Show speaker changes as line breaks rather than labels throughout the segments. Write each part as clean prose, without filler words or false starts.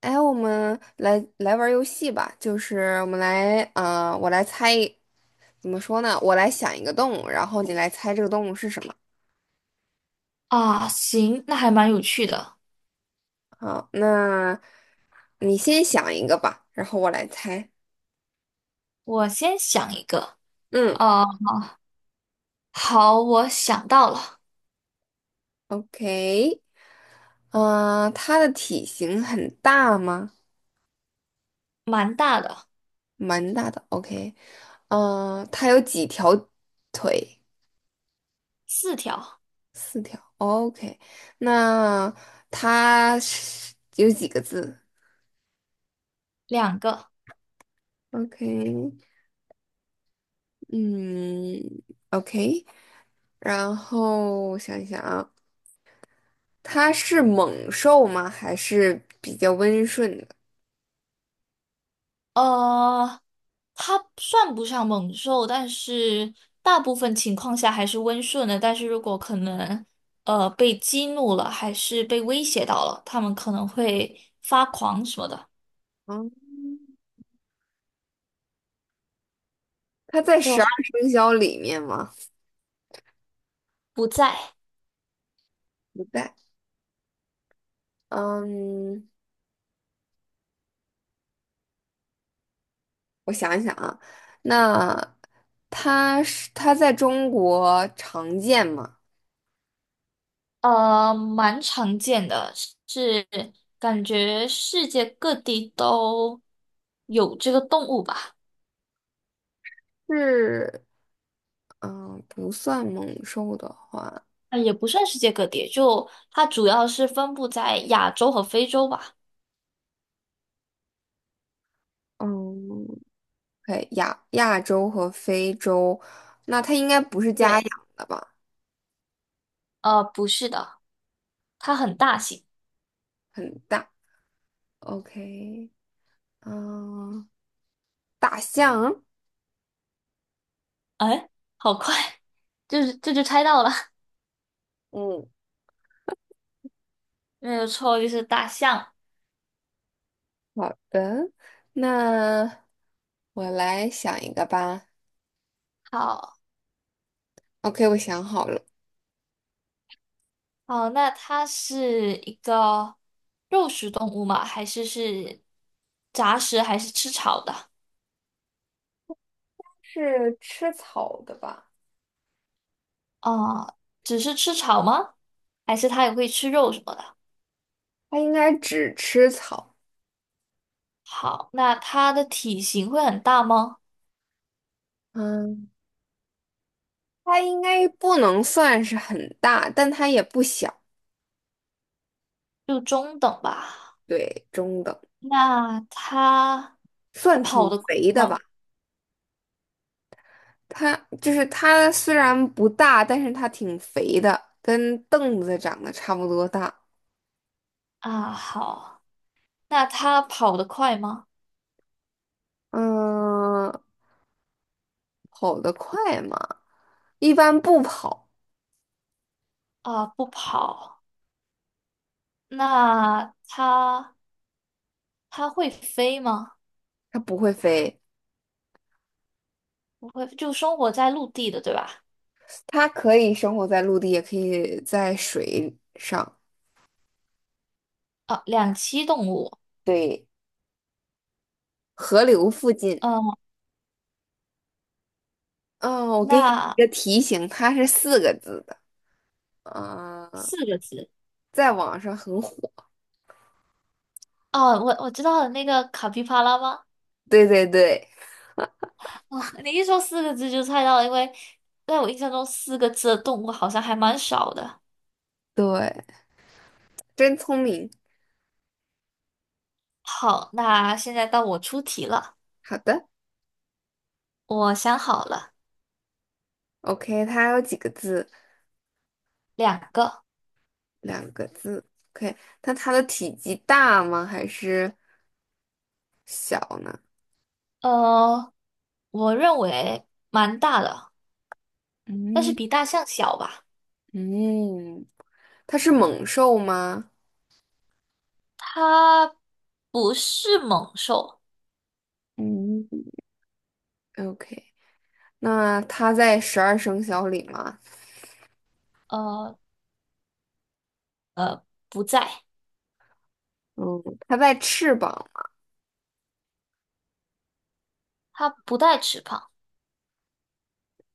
哎，我们来玩儿游戏吧，就是我们来，我来猜一怎么说呢？我来想一个动物，然后你来猜这个动物是什么。
啊，行，那还蛮有趣的。
好，那你先想一个吧，然后我来猜。
我先想一个，
嗯
啊，好，我想到了，
，OK，它的体型很大吗？
蛮大的，
蛮大的，OK，它有几条腿？
四条，
四条，OK，那它是有几个字
两个。
？OK，嗯，OK，然后我想一想啊，它是猛兽吗？还是比较温顺的？
呃，它算不上猛兽，但是大部分情况下还是温顺的。但是如果可能，被激怒了，还是被威胁到了，他们可能会发狂什么的，
嗯，它在
就
十二
还
生肖里面吗？
不在。
不在。嗯，我想一想啊，那它在中国常见吗？
蛮常见的，是感觉世界各地都有这个动物吧？
是，嗯，不算猛兽的话，
也不算世界各地，就它主要是分布在亚洲和非洲吧？
嗯，对，亚洲和非洲，那它应该不是家
对，
养的吧？
不是的，它很大型。
很大。OK，嗯，大象。
哎，好快，就是这就猜到了，
嗯，
没有错，就是大象。
好的，那我来想一个吧。
好，
OK，我想好了，
好，那它是一个肉食动物吗？还是是杂食，还是吃草的？
是吃草的吧？
啊，只是吃草吗？还是它也会吃肉什么的？
它应该只吃草。
好，那它的体型会很大吗？
嗯，它应该不能算是很大，但它也不小，
就中等吧。
对，中等，
那它
算
跑
挺
得快
肥的吧。
吗？
它就是它虽然不大，但是它挺肥的，跟凳子长得差不多大。
啊，好，那它跑得快吗？
嗯，跑得快嘛。一般不跑，
啊，不跑。那它会飞吗？
它不会飞，
不会，就生活在陆地的，对吧？
它可以生活在陆地，也可以在水上，
啊，两栖动物。
对，河流附近。
嗯，
嗯，我给你
那
一个提醒，它是四个字的，嗯，
四个字。
在网上很火。
哦，我知道了，那个卡皮巴拉吗？
对对对
哇，你一说四个字就猜到了，因为在我印象中四个字的动物好像还蛮少的。
对，真聪明。
好，那现在到我出题了，
好的
我想好了，
，OK，它有几个字？
两个，
两个字。OK，那它的体积大吗？还是小呢？
呃，我认为蛮大的，但是
嗯
比大象小吧。
嗯，它是猛兽吗？
它不是猛兽，
嗯，OK。那它在十二生肖里吗？
呃，不在，
嗯，它在翅膀，
它不带翅膀，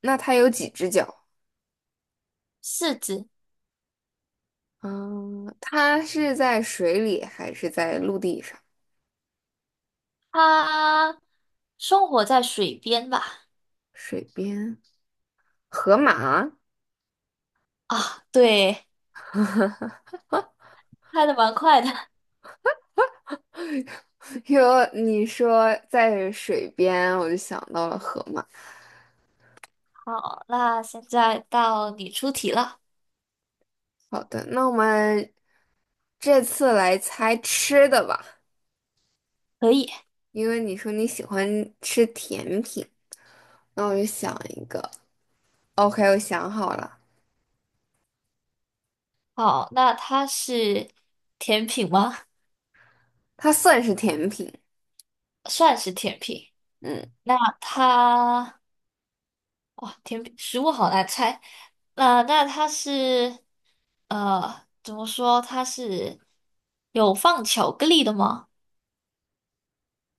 那它有几只脚？
四肢，
嗯，它是在水里还是在陆地上？
它生活在水边吧？
水边，河马。
啊，对，猜的蛮快的。
哟！你说在水边，我就想到了河马。
好，那现在到你出题了，
好的，那我们这次来猜吃的吧，
可以。
因为你说你喜欢吃甜品，那我就想一个。OK，我想好了，
好，那它是甜品吗？
它算是甜品。
算是甜品。
嗯。
那它，哇，甜品，食物好难猜。那它是，怎么说？它是有放巧克力的吗？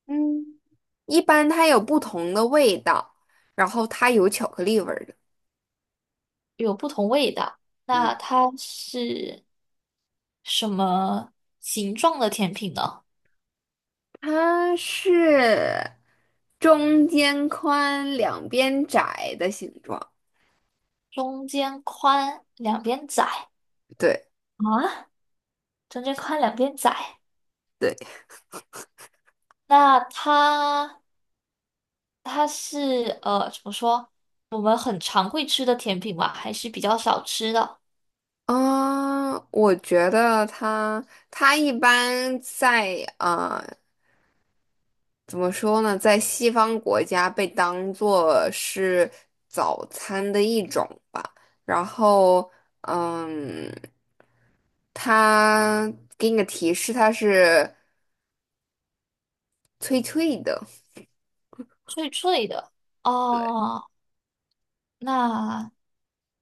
嗯，一般它有不同的味道，然后它有巧克力味儿的。
有不同味道。那
嗯，
它是什么形状的甜品呢？
它是中间宽、两边窄的形状。
中间宽，两边窄
对
啊？中间宽，两边窄。
对，
那它是怎么说？我们很常会吃的甜品吗？还是比较少吃的？
嗯，我觉得它它一般在啊。怎么说呢，在西方国家被当做是早餐的一种吧。然后，嗯，它给你个提示，它是脆脆的，
脆脆的哦。那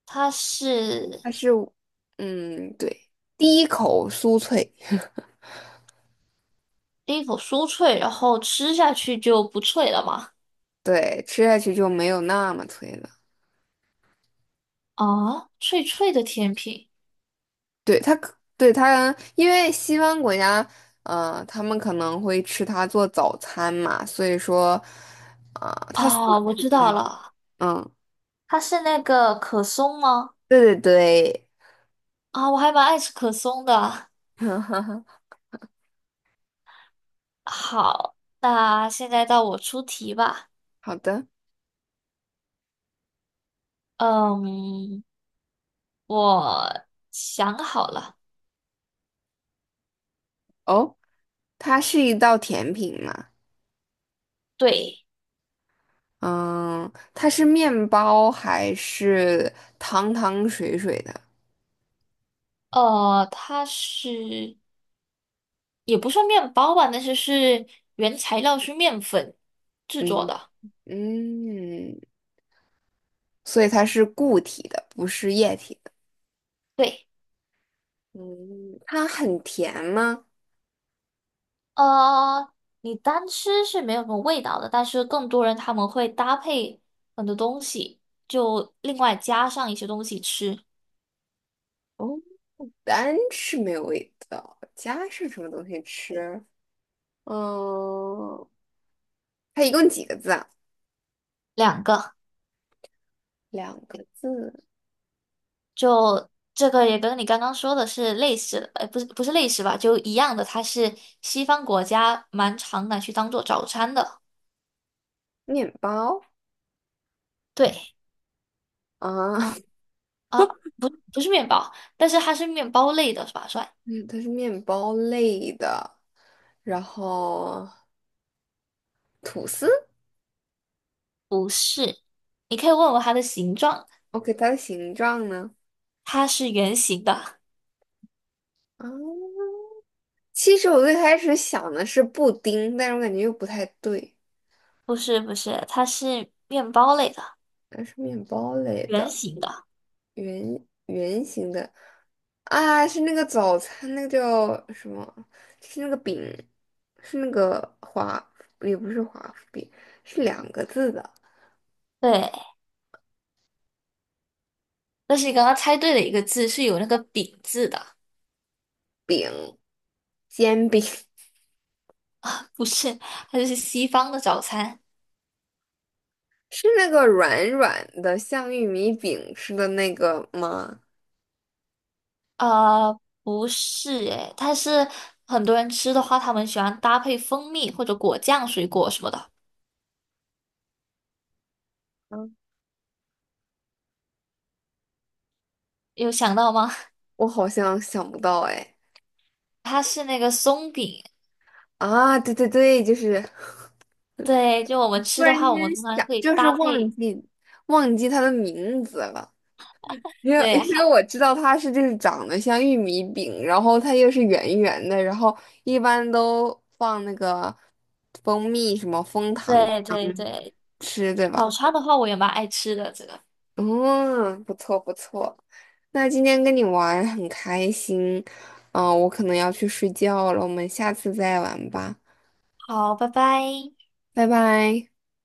它是
它是，嗯，对，第一口酥脆，
一口酥脆，然后吃下去就不脆了吗？
对，吃下去就没有那么脆了。
啊，脆脆的甜品
对，它可，对，它，因为西方国家，他们可能会吃它做早餐嘛，所以说，啊、它。
啊，我知道了，
嗯，
它是那个可松吗？
对对对，
啊，我还蛮爱吃可松的。好，那现在到我出题吧。
好的。
嗯，我想好了。
哦，它是一道甜品嘛？
对，
嗯，它是面包还是汤汤水水的？
它是也不算面包吧，但是是原材料是面粉制作
嗯
的。
嗯，所以它是固体的，不是液体的。
对，
嗯，它很甜吗？
呃，你单吃是没有什么味道的，但是更多人他们会搭配很多东西，就另外加上一些东西吃。
哦，单吃没有味道，加上什么东西吃？嗯，它一共几个字啊？
两个，
两个字，
就这个也跟你刚刚说的是类似的，不是类似吧，就一样的，它是西方国家蛮常拿去当做早餐的。
面包
对。
啊，
啊。啊，不，不是面包，但是它是面包类的，是吧？算，
嗯，它是面包类的，然后吐司。
你可以问问它的形状，
OK，它的形状呢？
它是圆形的，
啊、其实我最开始想的是布丁，但是我感觉又不太对。
不是，它是面包类的，
它是面包类
圆
的，
形的。
圆圆形的啊，是那个早餐，那个叫什么？就是那个饼，是那个华，也不是华夫饼，是两个字的
对，但是你刚刚猜对了一个字，是有那个饼字的，
饼，煎饼，
不是，它就是西方的早餐。
是那个软软的，像玉米饼似的那个吗？
呃，不是诶，它是很多人吃的话，他们喜欢搭配蜂蜜或者果酱、水果什么的，
嗯，
有想到吗？
我好像想不到哎。
它是那个松饼，
啊，对对对，就是
对，就我们
突
吃的
然
话，我
间
们通常
想，
会
就是
搭
忘
配。
记忘记它的名字了，因为
对，
因为我知道它是就是长得像玉米饼，然后它又是圆圆的，然后一般都放那个蜂蜜什么蜂糖
对对对，
吃，对
早
吧？
茶的话我也蛮爱吃的，这个。
嗯，不错不错。那今天跟你玩很开心，嗯、我可能要去睡觉了，我们下次再玩吧，
好，拜拜。
拜拜。